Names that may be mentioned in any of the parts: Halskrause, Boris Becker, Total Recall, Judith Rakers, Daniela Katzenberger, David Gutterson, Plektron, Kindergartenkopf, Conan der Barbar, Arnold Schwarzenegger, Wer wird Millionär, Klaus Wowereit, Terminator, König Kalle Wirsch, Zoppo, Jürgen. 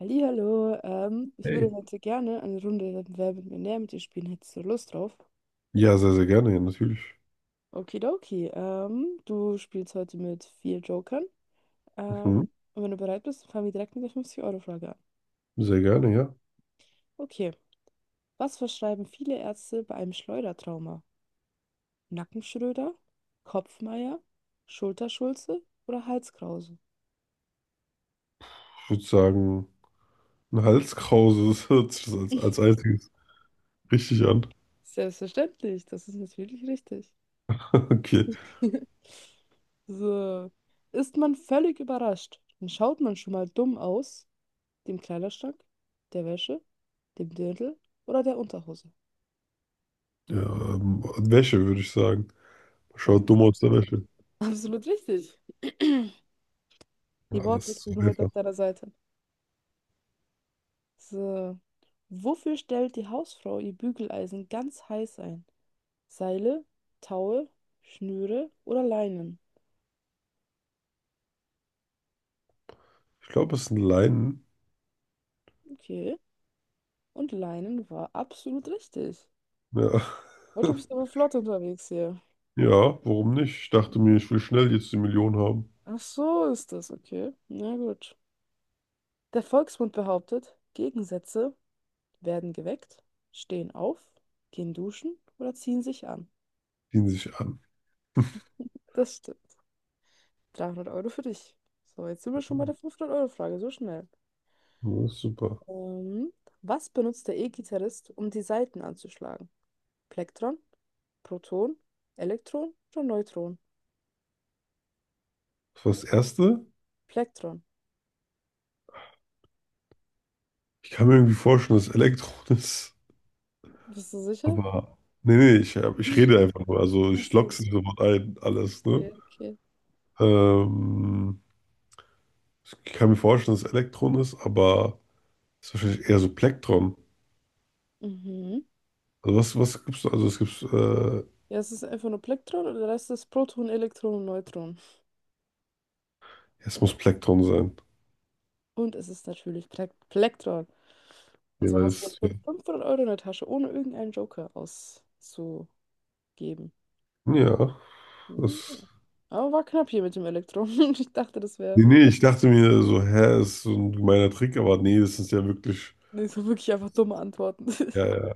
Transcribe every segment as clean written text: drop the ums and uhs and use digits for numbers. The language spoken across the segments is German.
Hallihallo, ich würde Hey. heute gerne eine Runde Wer wird Millionär mit dir spielen. Hättest du Lust drauf? Ja, sehr, sehr gerne, ja, natürlich. Okidoki, du spielst heute mit vier Jokern. Mhm. Und wenn du bereit bist, fangen wir direkt mit der 50-Euro-Frage an. Sehr gerne, ja. Okay, was verschreiben viele Ärzte bei einem Schleudertrauma? Nackenschröder, Kopfmeier, Schulterschulze oder Halskrause? Ich würde sagen, ein Halskrause, das hört sich das als einziges richtig an. Selbstverständlich, das ist natürlich richtig. Okay. So. Ist man völlig überrascht, dann schaut man schon mal dumm aus dem Kleiderschrank, der Wäsche, dem Dirndl oder der Unterhose? Ja, ähm, Wäsche, würde ich sagen. Das Schaut ist dumm aus der absolut, Wäsche. absolut richtig. Ja, Die das ist Wortwitze so sind heute auf einfach. deiner Seite. So. Wofür stellt die Hausfrau ihr Bügeleisen ganz heiß ein? Seile, Taue, Schnüre oder Leinen? Ich glaube, es sind Leinen. Okay. Und Leinen war absolut richtig. Ja. Heute bist du aber flott unterwegs hier. Ja, warum nicht? Ich dachte mir, ich will schnell jetzt die Million haben. Ach so ist das, okay. Na gut. Der Volksmund behauptet, Gegensätze werden geweckt, stehen auf, gehen duschen oder ziehen sich an. Ziehen sich an. Das stimmt. 300 Euro für dich. So, jetzt sind wir schon bei der 500-Euro-Frage, so schnell. Ja, ist super. Ähm, was benutzt der E-Gitarrist, um die Saiten anzuschlagen? Plektron, Proton, Elektron oder Neutron? Das war das Erste. Plektron. Ich kann mir irgendwie vorstellen, dass Elektron ist. Bist du sicher? Aber nee, nee, ich rede einfach nur. Also ich Achso, lock's nicht sofort ein, alles, ne? okay, okay. Ähm, Ich kann mir vorstellen, dass es Elektron ist, aber es ist wahrscheinlich eher so Plektron. Mhm. Also was gibt's da? Also es gibt, ja, Ja, es ist einfach nur Plektron und der Rest ist Proton, Elektron und Neutron. es muss Plektron sein. Und es ist natürlich Plektron. Und so hast du jetzt Jeweils. Ja, schon 500 Euro in der Tasche, ohne irgendeinen Joker auszugeben. ja, Hm. das. Aber war knapp hier mit dem Elektro. Ich dachte, das wäre Nee, nee, ich dachte mir so, hä, ist so ein gemeiner Trick, aber nee, das ist ja wirklich. nicht so wirklich einfach dumme Antworten. Ja, ja,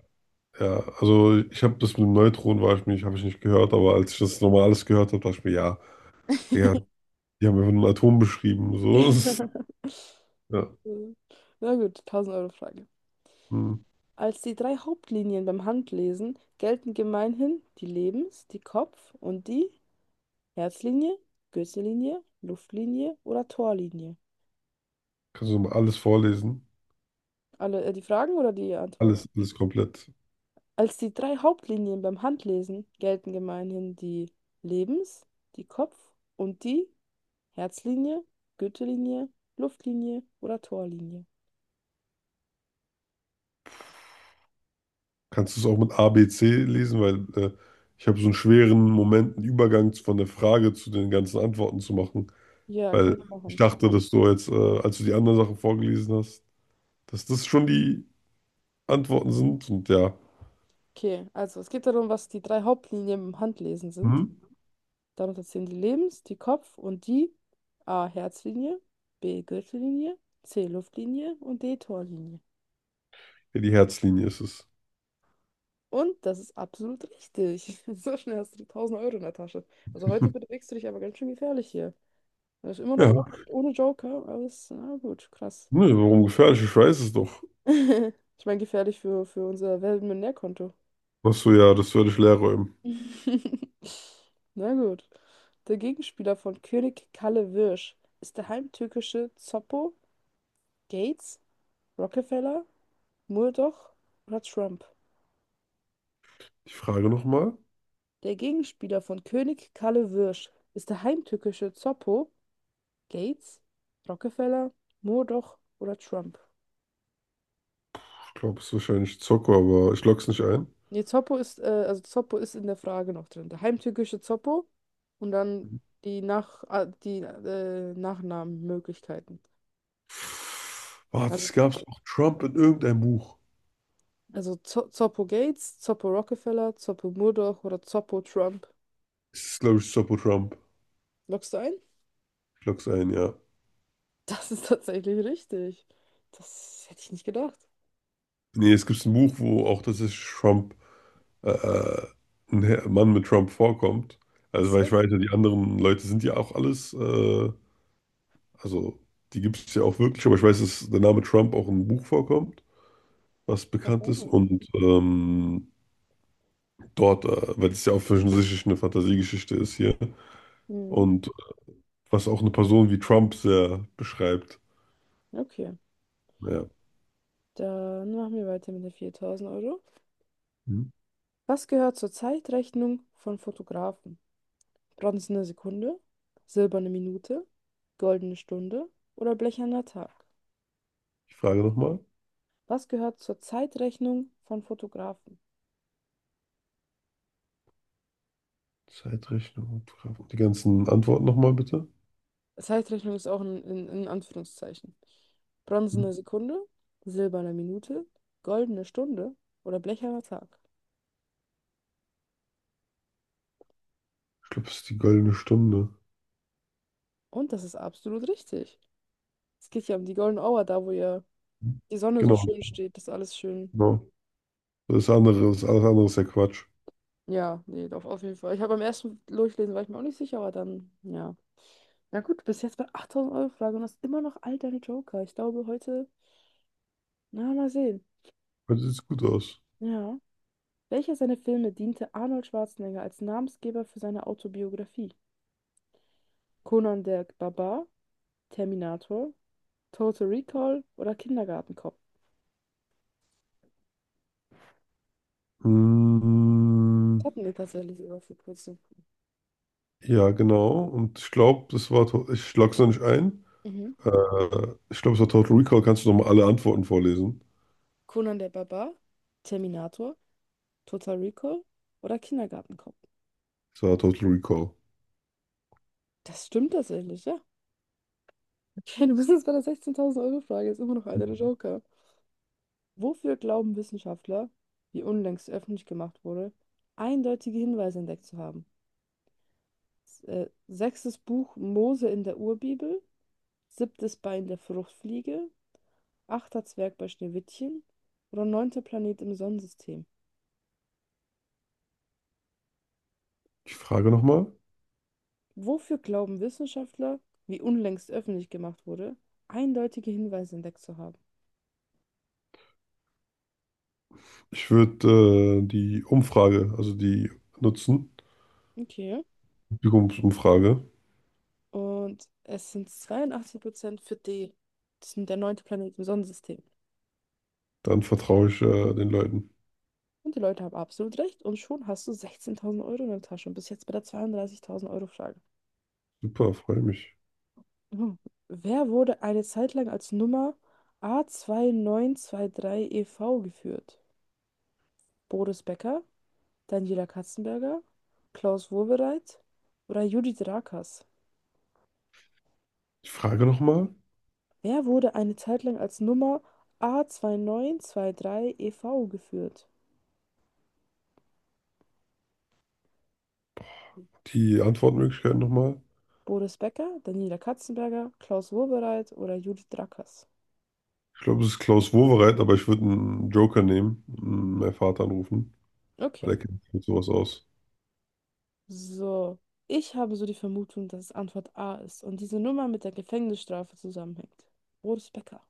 ja. Also ich habe das mit dem Neutron, war ich mich, habe ich nicht gehört, aber als ich das nochmal alles gehört habe, dachte ich mir, ja, ja, die haben einfach nur ein Atom beschrieben. So. Ja. Ja. Na gut, 1000-Euro-Frage. Hm. Als die drei Hauptlinien beim Handlesen gelten gemeinhin die Lebens-, die Kopf- und die Herzlinie, Gürtellinie, Luftlinie oder Torlinie. Kannst du mal alles vorlesen? Alle, die Fragen oder die Antworten? Alles, alles komplett. Als die drei Hauptlinien beim Handlesen gelten gemeinhin die Lebens-, die Kopf- und die Herzlinie, Gürtellinie, Luftlinie oder Torlinie. Kannst du es auch mit A, B, C lesen? Weil äh, ich habe so einen schweren Moment, einen Übergang von der Frage zu den ganzen Antworten zu machen. Ja, kann Weil ich ich machen. dachte, dass du jetzt, als du die anderen Sachen vorgelesen hast, dass das schon die Antworten sind. Und ja, Okay, also es geht darum, was die drei Hauptlinien beim Handlesen sind. mhm. Darunter zählen die Lebens-, die Kopf- und die A. Herzlinie, B. Gürtellinie, C. Luftlinie und D. Torlinie. Ja, die Herzlinie ist es. Und das ist absolut richtig. So schnell hast du 1000 Euro in der Tasche. Also heute bewegst du dich aber ganz schön gefährlich hier. Er ist immer noch Ja, ohne Joker, aber ist, na gut, krass. ne, warum gefährlich? Ich weiß es doch. Ich meine, gefährlich für unser Weltmillionärkonto. Achso, ja, das werde ich leer räumen. Na gut. Der Gegenspieler von König Kalle Wirsch ist der heimtückische Zoppo, Gates, Rockefeller, Murdoch oder Trump. Ich frage nochmal. Der Gegenspieler von König Kalle Wirsch ist der heimtückische Zoppo, Gates, Rockefeller, Murdoch oder Trump. Ich glaube, es ist wahrscheinlich Zocco, aber ich log's nicht ein. Nee, Zoppo ist, also Zoppo ist in der Frage noch drin. Der heimtückische Zoppo und dann die, Nachnamenmöglichkeiten. Boah, Also, das gab es auch Trump in irgendeinem Buch. also Zo Zoppo Gates, Zoppo Rockefeller, Zoppo Murdoch oder Zoppo Trump. Es ist, glaube ich, Sopo Trump. Loggst du ein? Ich log's ein, ja. Das ist tatsächlich richtig. Das hätte ich nicht gedacht. Nee, es gibt ein Buch, wo auch das ist Trump, äh, äh, ein Herr- Mann mit Trump vorkommt. Ach Also, weil ich so. weiß ja, die anderen Leute sind ja auch alles, also die gibt es ja auch wirklich, aber ich weiß, dass der Name Trump auch im Buch vorkommt, was Ach bekannt ist. ja. Und dort, weil es ja auch offensichtlich eine Fantasiegeschichte ist hier. Mhm. Und was auch eine Person wie Trump sehr beschreibt. Okay. Ja. Dann machen wir weiter mit den 4000 Euro. Was gehört zur Zeitrechnung von Fotografen? Bronzene Sekunde, silberne Minute, goldene Stunde oder blecherner Tag? Ich frage nochmal. Was gehört zur Zeitrechnung von Fotografen? Zeitrechnung und Grafik. Die ganzen Antworten nochmal bitte. Zeitrechnung ist auch in Anführungszeichen. Hm? Bronzene Sekunde, silberne Minute, goldene Stunde oder blecherner Tag. Ich glaube, es ist die goldene Stunde. Und das ist absolut richtig. Es geht ja um die Golden Hour, da wo ja die Sonne so Genau, schön steht, dass alles schön. genau. Das andere, das alles andere ist ja Quatsch. Ja, nee, auf jeden Fall. Ich habe beim ersten Durchlesen war ich mir auch nicht sicher, aber dann, ja. Na gut, bis jetzt bei 8000 Euro Frage und hast immer noch all deine Joker. Ich glaube, heute, na, mal sehen. Heute sieht es gut aus. Ja. Welcher seiner Filme diente Arnold Schwarzenegger als Namensgeber für seine Autobiografie? Conan der Barbar, Terminator, Total Recall oder Kindergartenkopf? Das Hm, hatten wir tatsächlich sogar vor kurzem. ja, genau. Und ich glaube, das war, ich log's noch nicht ein. Mhm. Ich glaube, es war Total Recall. Kannst du nochmal alle Antworten vorlesen? Conan der Barbar, Terminator, Total Recall oder Kindergartenkopf? Es war Total Recall. Das stimmt tatsächlich, ja. Okay, du bist jetzt bei der 16.000-Euro-Frage, ist immer noch einer der Joker. Wofür glauben Wissenschaftler, wie unlängst öffentlich gemacht wurde, eindeutige Hinweise entdeckt zu haben? Sechstes Buch Mose in der Urbibel, siebtes Bein der Fruchtfliege, achter Zwerg bei Schneewittchen oder neunter Planet im Sonnensystem. Ich frage nochmal. Wofür glauben Wissenschaftler, wie unlängst öffentlich gemacht wurde, eindeutige Hinweise entdeckt zu haben? Ich würde die Umfrage, also die nutzen, Okay. Publikumsumfrage. Und es sind 82% für D. Das ist der neunte Planet im Sonnensystem. Dann vertraue ich den Leuten. Und die Leute haben absolut recht. Und schon hast du 16.000 Euro in der Tasche. Und bist jetzt bei der 32.000 Euro Frage. Super, freue mich. Mhm. Wer wurde eine Zeit lang als Nummer A2923EV zwei neun zwei neun geführt? Boris Becker, Daniela Katzenberger, Klaus Wowereit oder Judith Rakers? Die Frage nochmal, Wer wurde eine Zeit lang als Nummer A2923EV zwei neun zwei neun geführt? die Antwortmöglichkeiten nochmal. Boris Becker, Daniela Katzenberger, Klaus Wowereit oder Judith Drackers. Ich glaube, es ist Klaus Wowereit, aber ich würde einen Joker nehmen und meinen Vater anrufen, Okay, weil er kennt sich mit sowas aus. so. Ich habe so die Vermutung, dass es Antwort A ist und diese Nummer mit der Gefängnisstrafe zusammenhängt. Boris Becker.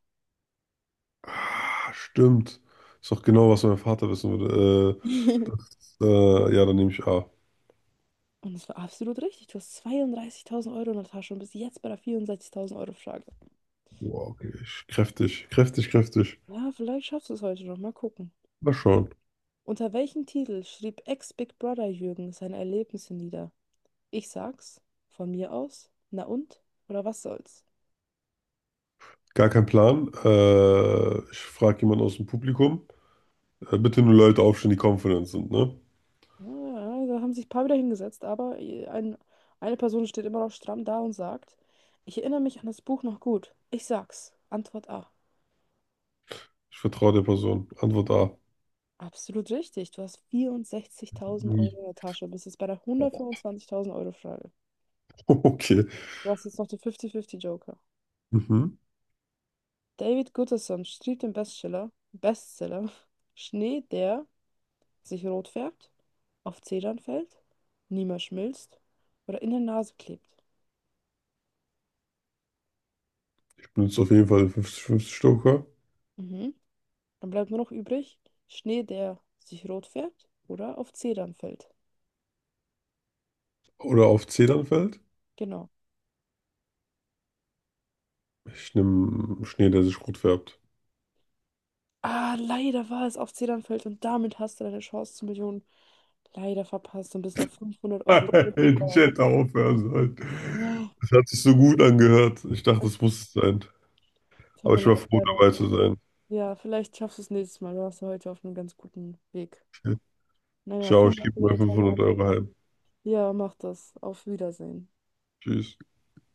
Ah, stimmt. Ist doch genau, was mein Vater wissen würde. Ja, dann nehme ich A. Und es war absolut richtig. Du hast 32.000 Euro in der Tasche und bist jetzt bei der 64.000 Euro Frage. Wow, okay. Ich, kräftig, kräftig, kräftig. Ja, vielleicht schaffst du es heute noch. Mal gucken. Mal schauen. Unter welchem Titel schrieb Ex-Big Brother Jürgen seine Erlebnisse nieder? Ich sag's. Von mir aus? Na und? Oder was soll's? Gar kein Plan. Ich frage jemanden aus dem Publikum. Bitte nur Leute aufstellen, die confident sind, ne? Ja, da haben sich ein paar wieder hingesetzt, aber ein, eine Person steht immer noch stramm da und sagt, ich erinnere mich an das Buch noch gut. Ich sag's. Antwort A. Ich vertraue der Person. Antwort A. Absolut richtig. Du hast vierundsechzigtausend Mhm. Euro in der Tasche. Bist jetzt bei der 125.000 Euro Frage. Okay. Du hast jetzt noch den 50-50 Joker. Mhm. David Gutterson schrieb den Bestseller Schnee, der sich rot färbt, auf Zedern fällt, niemals schmilzt oder in der Nase klebt. Benutzt auf jeden Fall 50-50 stoker. Mhm. Dann bleibt nur noch übrig Schnee, der sich rot färbt oder auf Zedern fällt. Oder auf Zedernfeld. Genau. Ich nehme Schnee, der sich rot färbt. Ah, leider war es auf Zedern fällt und damit hast du deine Chance zur Million leider verpasst und bist auf 500 Euro Ich zurückgefallen. hätte aufhören sollen. Ja, Das hat sich so gut angehört. Ich dachte, es das muss es sein. tut Aber mir ich war leid, froh, leider. dabei zu sein. Ja, vielleicht schaffst du es nächstes Mal. Du warst ja heute auf einem ganz guten Weg. Naja, Ciao, vielen ich Dank für gebe mal deine 500 Teilnahme. Euro heim. Ja, mach das. Auf Wiedersehen. Tschüss.